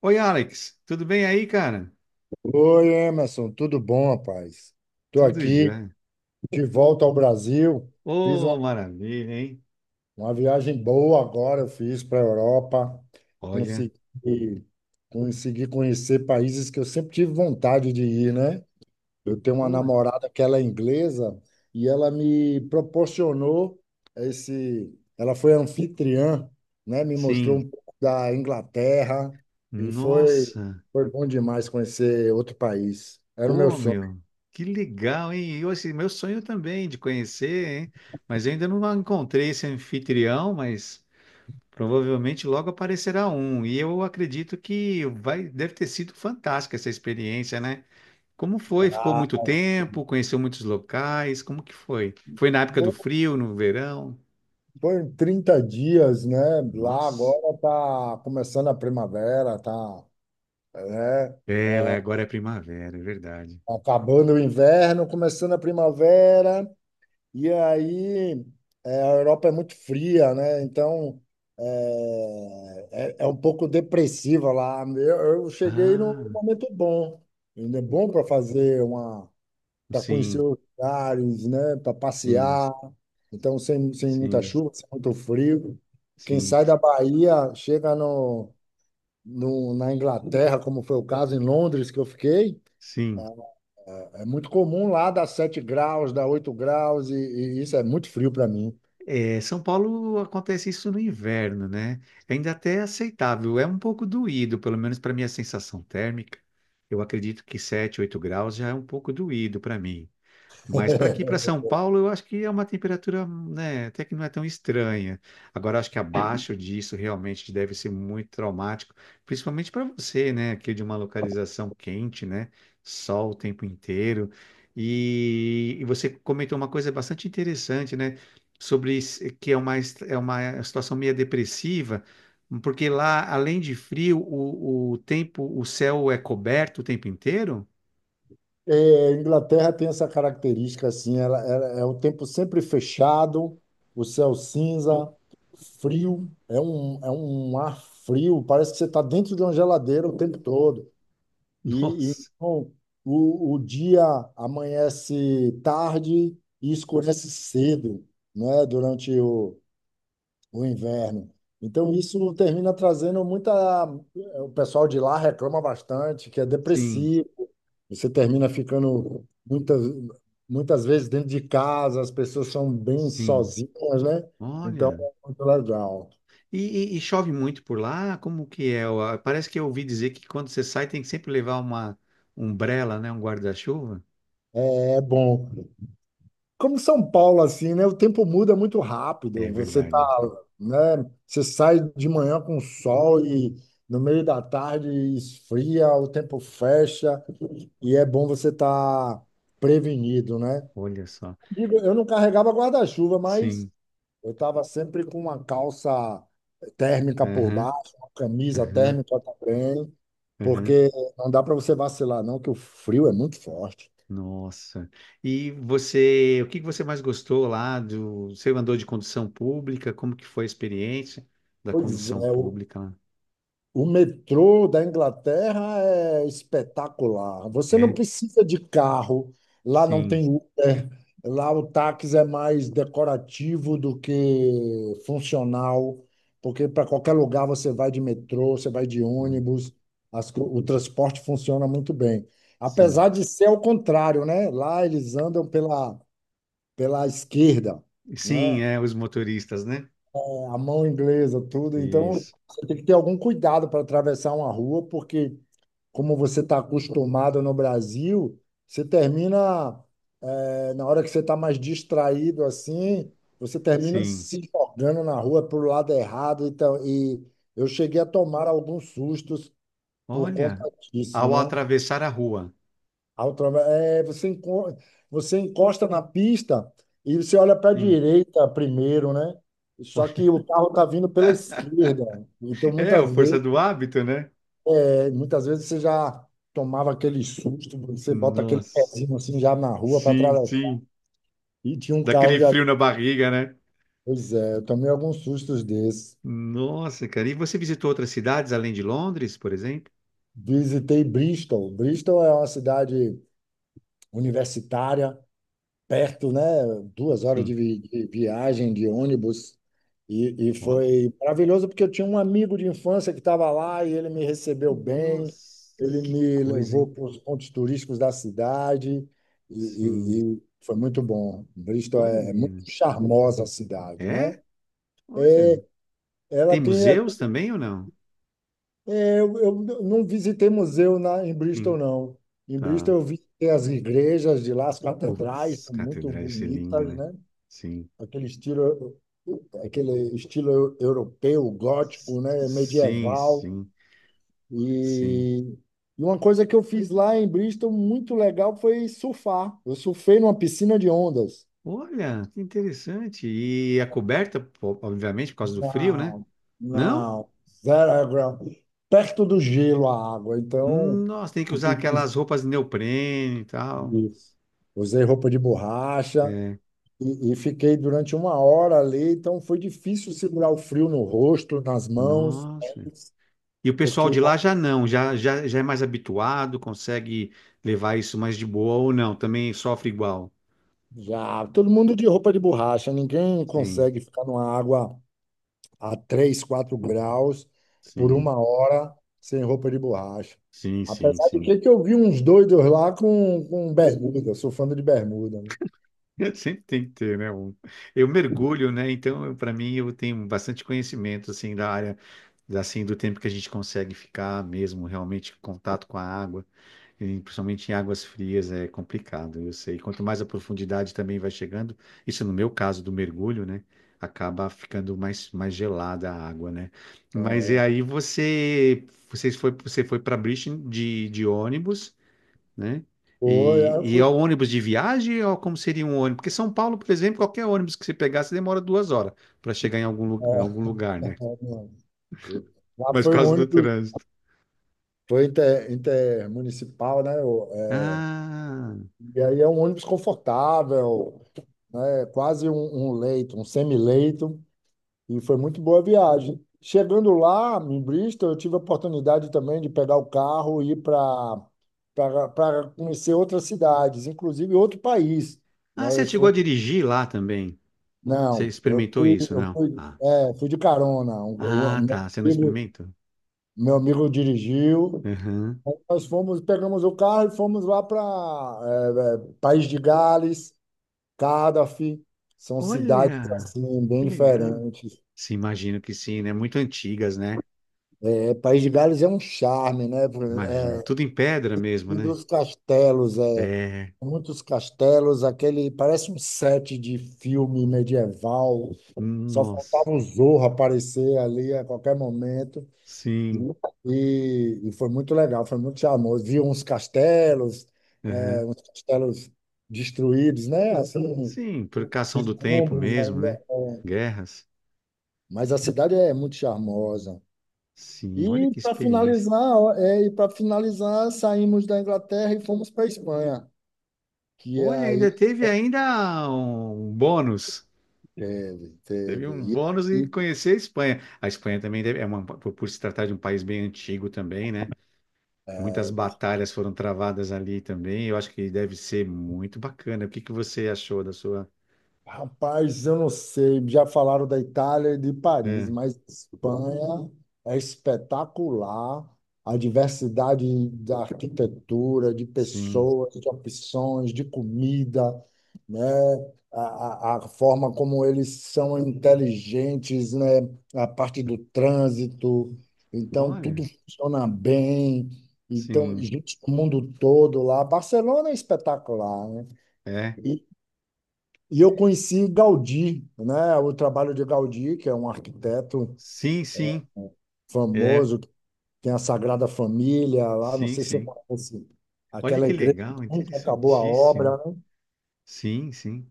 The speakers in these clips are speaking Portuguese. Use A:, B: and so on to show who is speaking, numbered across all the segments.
A: Oi, Alex, tudo bem aí, cara?
B: Oi, Emerson, tudo bom, rapaz? Estou
A: Tudo
B: aqui
A: já.
B: de volta ao Brasil. Fiz
A: Ô, maravilha, hein?
B: uma viagem boa agora, eu fiz para a Europa.
A: Olha,
B: Consegui, consegui conhecer países que eu sempre tive vontade de ir, né? Eu tenho uma
A: pô,
B: namorada que ela é inglesa e ela me proporcionou esse. Ela foi anfitriã, né? Me mostrou
A: sim,
B: um pouco da Inglaterra e
A: nossa,
B: foi bom demais conhecer outro país. Era o meu
A: pô,
B: sonho.
A: meu, que legal, hein? E, assim, meu sonho também de conhecer, hein? Mas eu ainda não encontrei esse anfitrião, mas provavelmente logo aparecerá um. E eu acredito que vai, deve ter sido fantástica essa experiência, né? Como foi? Ficou
B: Ah,
A: muito tempo? Conheceu muitos locais? Como que foi? Foi na época do
B: foi,
A: frio, no verão?
B: foi 30 dias, né? Lá
A: Nossa.
B: agora tá começando a primavera, tá, né?
A: Ela
B: É.
A: agora é primavera, é verdade.
B: Acabando o inverno, começando a primavera, e aí é, a Europa é muito fria, né? Então é um pouco depressiva lá. Eu cheguei num
A: Ah,
B: momento bom, ainda é bom para fazer para conhecer
A: sim,
B: os lugares, né? Para
A: sim,
B: passear. Então, sem muita
A: sim,
B: chuva, sem muito frio. Quem
A: sim,
B: sai da Bahia chega no, no, na Inglaterra, como foi o caso em Londres que eu fiquei.
A: sim.
B: É muito comum lá dar 7 graus, dar 8 graus, e isso é muito frio para mim.
A: É, São Paulo acontece isso no inverno, né? É. Ainda até é aceitável, é um pouco doído, pelo menos para minha sensação térmica. Eu acredito que 7 8 graus já é um pouco doído para mim. Mas para aqui, para São Paulo, eu acho que é uma temperatura, né, até que não é tão estranha. Agora, acho que abaixo disso realmente deve ser muito traumático, principalmente para você, né, que é de uma localização quente, né, sol o tempo inteiro. E você comentou uma coisa bastante interessante, né, sobre que é uma, é uma situação meio depressiva, porque lá, além de frio, o tempo, o céu é coberto o tempo inteiro?
B: É, Inglaterra tem essa característica assim, é o tempo sempre fechado, o céu cinza, frio, é um ar frio, parece que você está dentro de uma geladeira o tempo todo.
A: Nossa,
B: Então, o dia amanhece tarde e escurece cedo, né, durante o inverno. Então, isso termina trazendo muita. O pessoal de lá reclama bastante, que é
A: sim,
B: depressivo. Você termina ficando muitas vezes dentro de casa, as pessoas são bem
A: sim.
B: sozinhas, né? Então,
A: Olha,
B: é muito legal.
A: e, e chove muito por lá? Como que é? Parece que eu ouvi dizer que quando você sai tem que sempre levar uma umbrella, né? Um guarda-chuva.
B: É bom. Como São Paulo, assim, né? O tempo muda muito rápido.
A: É
B: Você
A: verdade.
B: tá, né? Você sai de manhã com sol e no meio da tarde esfria, o tempo fecha e é bom você estar prevenido, né?
A: Olha só.
B: Digo, eu não carregava guarda-chuva, mas
A: Sim.
B: eu estava sempre com uma calça térmica por
A: Aham,
B: baixo, uma camisa
A: aham,
B: térmica também,
A: aham.
B: porque não dá para você vacilar, não, que o frio é muito forte.
A: Nossa. E você, o que que você mais gostou lá do... Você andou de condução pública? Como que foi a experiência da
B: Pois
A: condução
B: é,
A: pública lá?
B: o metrô da Inglaterra é espetacular. Você não
A: É?
B: precisa de carro, lá não
A: Sim.
B: tem Uber, lá o táxi é mais decorativo do que funcional, porque para qualquer lugar você vai de metrô, você vai de
A: Olha,
B: ônibus, o transporte funciona muito bem.
A: sim.
B: Apesar de ser ao contrário, né? Lá eles andam pela esquerda, né?
A: Sim, é, os motoristas, né?
B: A mão inglesa, tudo. Então,
A: Isso.
B: você tem que ter algum cuidado para atravessar uma rua, porque, como você está acostumado no Brasil, você termina, na hora que você está mais distraído assim, você termina
A: Sim.
B: se jogando na rua para o lado errado. Então, e eu cheguei a tomar alguns sustos por conta
A: Olha,
B: disso,
A: ao
B: né?
A: atravessar a rua.
B: Altrova, é, você encosta na pista e você olha para a
A: Sim.
B: direita primeiro, né? Só que o carro tá vindo pela esquerda. Então,
A: É, a força do hábito, né?
B: muitas vezes você já tomava aquele susto, você bota aquele
A: Nossa.
B: pezinho assim já na rua para
A: Sim,
B: atravessar.
A: sim.
B: E tinha um carro
A: Daquele
B: já.
A: frio na barriga, né?
B: Pois é, eu tomei alguns sustos desses.
A: Nossa, cara. E você visitou outras cidades além de Londres, por exemplo?
B: Visitei Bristol. Bristol é uma cidade universitária perto, né? Duas horas
A: Sim.
B: de viagem de ônibus. E
A: Ó.
B: foi maravilhoso porque eu tinha um amigo de infância que estava lá e ele me recebeu bem,
A: Nossa,
B: ele
A: que
B: me
A: coisa,
B: levou
A: hein?
B: para os pontos turísticos da cidade
A: Sim.
B: e foi muito bom. Bristol é muito
A: Olha.
B: charmosa a cidade, né?
A: É? Olha.
B: Ela
A: Tem
B: tem.
A: museus também ou não?
B: Eu não visitei museu em Bristol,
A: Sim.
B: não. Em
A: Tá.
B: Bristol eu visitei as igrejas de lá, as catedrais,
A: Putz,
B: são muito
A: catedral, isso é lindo,
B: bonitas,
A: né?
B: né?
A: Sim.
B: Aquele estilo aquele estilo europeu, gótico,
A: S-
B: né,
A: Sim,
B: medieval.
A: sim, sim.
B: E, e uma coisa que eu fiz lá em Bristol muito legal foi surfar. Eu surfei numa piscina de ondas.
A: Olha, que interessante. E a coberta, obviamente, por causa do frio, né?
B: Não,
A: Não?
B: não, zero grau. Perto do gelo a água, então
A: Nossa, tem que
B: você
A: usar
B: tem que.
A: aquelas roupas de neoprene e tal.
B: Isso. Usei roupa de borracha
A: É.
B: e fiquei durante uma hora ali, então foi difícil segurar o frio no rosto, nas mãos,
A: Nossa. E o pessoal
B: porque
A: de lá já não, já é mais habituado, consegue levar isso mais de boa ou não, também sofre igual.
B: já, todo mundo de roupa de borracha, ninguém
A: Sim,
B: consegue ficar numa água a 3, 4 graus por
A: sim,
B: uma hora sem roupa de borracha.
A: sim, sim,
B: Apesar de
A: sim.
B: que eu vi uns doidos lá com bermuda, eu sou fã de bermuda. Né?
A: Sempre tem que ter, né? Eu mergulho, né? Então, para mim, eu tenho bastante conhecimento, assim, da área assim, do tempo que a gente consegue ficar mesmo realmente em contato com a água, e principalmente em águas frias, é complicado, eu sei. Quanto mais a profundidade também vai chegando, isso no meu caso do mergulho, né? Acaba ficando mais gelada a água, né? Mas e
B: É,
A: aí você, você foi para Brisbane de ônibus, né?
B: foi,
A: E,
B: aí eu
A: e é
B: fui.
A: o ônibus de viagem ou como seria um ônibus? Porque São Paulo, por exemplo, qualquer ônibus que você pegasse demora 2 horas para chegar em em algum
B: É,
A: lugar, né?
B: lá
A: Mas por
B: foi o
A: causa do
B: ônibus,
A: trânsito.
B: foi intermunicipal, né?
A: Ah.
B: E aí é um ônibus confortável, né? Quase um leito, um semileito. E foi muito boa a viagem. Chegando lá, em Bristol, eu tive a oportunidade também de pegar o carro e ir para conhecer outras cidades, inclusive outro país.
A: Ah,
B: Não,
A: você
B: eu
A: chegou
B: fui,
A: a dirigir lá também? Você
B: não,
A: experimentou isso,
B: eu
A: não?
B: fui,
A: Ah.
B: é, fui de carona.
A: Ah,
B: Meu
A: tá, você não
B: amigo,
A: experimentou?
B: meu amigo dirigiu.
A: Aham.
B: Nós fomos, pegamos o carro e fomos lá para País de Gales, Cardiff. São cidades
A: Olha,
B: assim bem
A: que legal.
B: diferentes.
A: Sim, imagino que sim, né? Muito antigas, né?
B: É, País de Gales é um charme, né?
A: Imagino.
B: É,
A: Tudo em pedra mesmo,
B: e
A: né?
B: dos castelos, é,
A: É.
B: muitos castelos, aquele parece um set de filme medieval. Só
A: Nossa.
B: faltava o Zorro aparecer ali a qualquer momento.
A: Sim.
B: E foi muito legal, foi muito charmoso. Vi uns castelos, é,
A: Aham.
B: uns castelos destruídos, né? Assim,
A: Sim, por
B: os
A: cação do tempo
B: escombros
A: mesmo,
B: ainda.
A: né? Guerras.
B: Mas a cidade é muito charmosa.
A: Sim, olha que experiência.
B: E para finalizar, saímos da Inglaterra e fomos para a Espanha, que
A: Olha, ainda
B: aí
A: teve ainda um bônus.
B: teve,
A: Teve
B: teve.
A: um bônus
B: E,
A: e
B: e,
A: conhecer a Espanha. A Espanha também é uma, por se tratar de um país bem antigo também, né? Muitas batalhas foram travadas ali também. Eu acho que deve ser muito bacana. O que que você achou da sua?
B: rapaz, eu não sei, já falaram da Itália e de Paris,
A: É,
B: mas Espanha é espetacular. A diversidade da arquitetura, de
A: sim.
B: pessoas, de opções, de comida, né? A forma como eles são inteligentes, né? A parte do trânsito. Então,
A: Olha,
B: tudo funciona bem. Então,
A: sim.
B: gente do mundo todo lá. Barcelona é espetacular, né?
A: É.
B: E, e eu conheci Gaudí, né? O trabalho de Gaudí, que é um arquiteto
A: Sim, sim. É.
B: famoso, que tem a Sagrada Família lá, não
A: Sim,
B: sei se eu
A: sim.
B: conhece,
A: Olha
B: aquela
A: que
B: igreja que
A: legal,
B: nunca acabou a obra,
A: interessantíssimo.
B: né?
A: Sim, sim.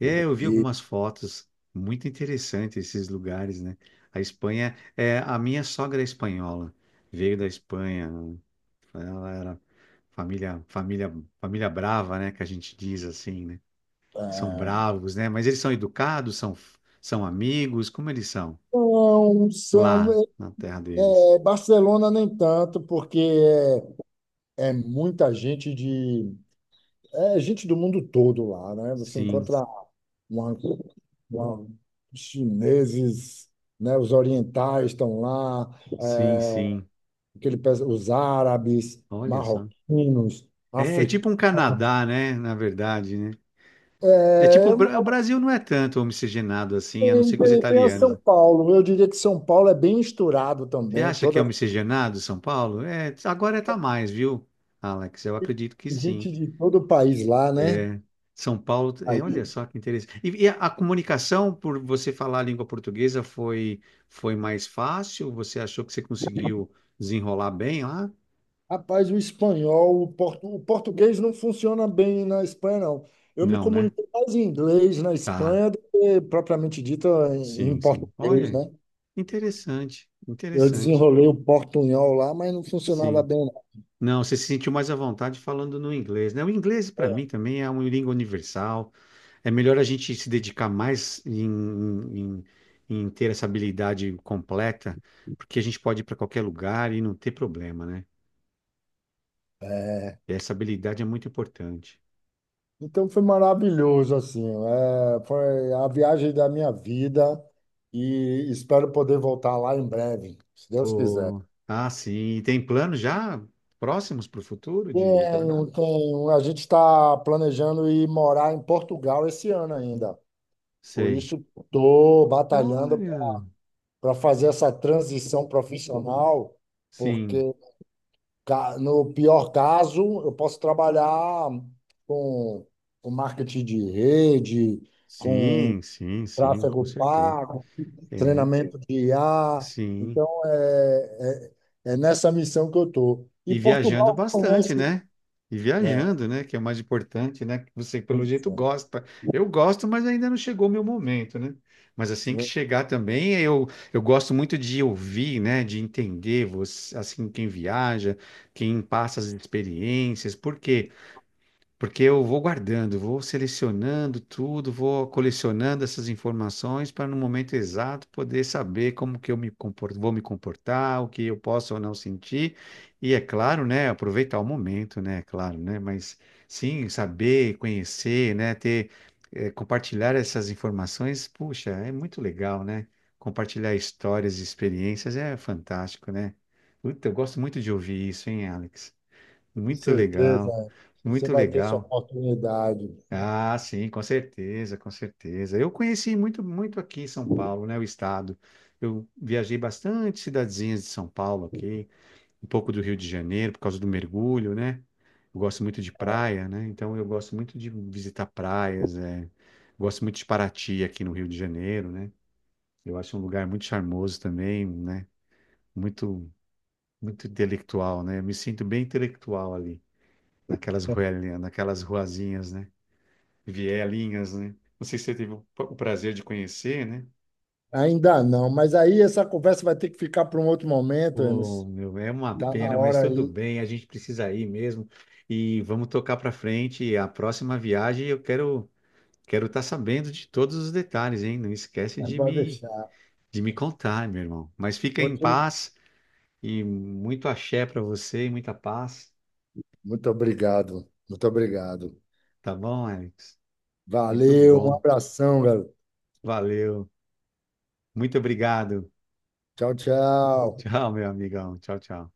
A: É, eu vi
B: E
A: algumas fotos, muito interessante esses lugares, né? A Espanha, é, a minha sogra é espanhola, veio da Espanha, ela era família, família, família brava, né? Que a gente diz assim, né? São bravos, né? Mas eles são educados, são amigos, como eles são
B: não,
A: lá
B: são,
A: na terra deles?
B: é, Barcelona nem tanto, porque é muita gente de, é gente do mundo todo lá, né? Você
A: Sim,
B: encontra uma, uma- os chineses, né? Os orientais estão lá,
A: sim,
B: é,
A: sim.
B: os árabes,
A: Olha só.
B: marroquinos,
A: É, é tipo
B: africanos.
A: um Canadá, né? Na verdade, né? É tipo,
B: É,
A: o Brasil não é tanto homogenado assim, a não ser com os
B: tem a
A: italianos.
B: São Paulo. Eu diria que São Paulo é bem misturado
A: Você
B: também,
A: acha que é
B: toda
A: um miscigenado São Paulo? É, agora está mais, viu, Alex? Eu acredito que
B: gente
A: sim.
B: de todo o país lá, né?
A: É, São Paulo, é, olha
B: Aí,
A: só que interessante. E a comunicação, por você falar a língua portuguesa, foi mais fácil? Você achou que você conseguiu desenrolar bem lá?
B: rapaz, o espanhol, o português não funciona bem na Espanha, não. Eu me
A: Não, né?
B: comuniquei mais em inglês na
A: Tá,
B: Espanha do que propriamente dito em
A: sim, sim.
B: português,
A: Olha,
B: né?
A: interessante,
B: Eu
A: interessante.
B: desenrolei o portunhol lá, mas não funcionava
A: Sim.
B: bem.
A: Não, você se sentiu mais à vontade falando no inglês, né? O inglês, para mim, também é uma língua universal. É melhor a gente se dedicar mais em- em ter essa habilidade completa, porque a gente pode ir para qualquer lugar e não ter problema, né? E essa habilidade é muito importante.
B: Então foi maravilhoso, assim, é, foi a viagem da minha vida e espero poder voltar lá em breve, se Deus quiser.
A: Pô, ah, sim. E tem planos já próximos para o futuro de retornar?
B: Tenho, tenho. A gente está planejando ir morar em Portugal esse ano ainda. Por
A: Sei.
B: isso estou batalhando
A: Olha,
B: para fazer essa transição profissional,
A: sim,
B: porque no pior caso eu posso trabalhar com, com marketing de rede, com
A: sim, sim, sim, com
B: tráfego
A: certeza.
B: pago
A: É,
B: treinamento de IA.
A: sim.
B: Então, é nessa missão que eu estou. E
A: E viajando
B: Portugal
A: bastante,
B: reconhece.
A: né? E
B: É,
A: viajando, né? Que é o mais importante, né? Que você, pelo
B: pois
A: jeito,
B: é,
A: gosta. Eu gosto, mas ainda não chegou o meu momento, né? Mas assim que
B: eu
A: chegar também, eu gosto muito de ouvir, né? De entender você, assim, quem viaja, quem passa as experiências, porque eu vou guardando, vou selecionando tudo, vou colecionando essas informações para no momento exato poder saber como que eu vou me comportar, o que eu posso ou não sentir. E é claro, né, aproveitar o momento, né, é claro, né, mas sim, saber, conhecer, né, ter, compartilhar essas informações, puxa, é muito legal, né? Compartilhar histórias e experiências é fantástico, né? Puta, eu gosto muito de ouvir isso, hein, Alex?
B: tenho
A: Muito legal,
B: certeza, você
A: muito
B: vai ter sua
A: legal.
B: oportunidade.
A: Ah, sim, com certeza, com certeza. Eu conheci muito, muito aqui em São Paulo, né, o estado. Eu viajei bastante cidadezinhas de São Paulo aqui, um pouco do Rio de Janeiro por causa do mergulho, né? Eu gosto muito de praia, né? Então eu gosto muito de visitar praias, é. Gosto muito de Paraty aqui no Rio de Janeiro, né? Eu acho um lugar muito charmoso também, né? Muito, muito intelectual, né? Eu me sinto bem intelectual ali, naquelas ruelinhas, naquelas ruazinhas, né? Vielinhas, né? Não sei se você teve o prazer de conhecer, né?
B: Ainda não, mas aí essa conversa vai ter que ficar para um outro momento,
A: Oh,
B: Emerson.
A: meu, é uma
B: Está na
A: pena, mas
B: hora
A: tudo
B: aí,
A: bem, a gente precisa ir mesmo e vamos tocar para frente. E a próxima viagem eu quero estar sabendo de todos os detalhes, hein? Não esquece
B: mas
A: de
B: pode
A: me
B: deixar.
A: de me contar, meu irmão. Mas fica em
B: Outro-
A: paz e muito axé para você e muita paz,
B: Muito obrigado, muito obrigado.
A: tá bom, Alex? Muito
B: Valeu, um
A: bom.
B: abração, garoto.
A: Valeu. Muito obrigado.
B: Tchau, tchau.
A: Tchau, meu amigão. Tchau, tchau.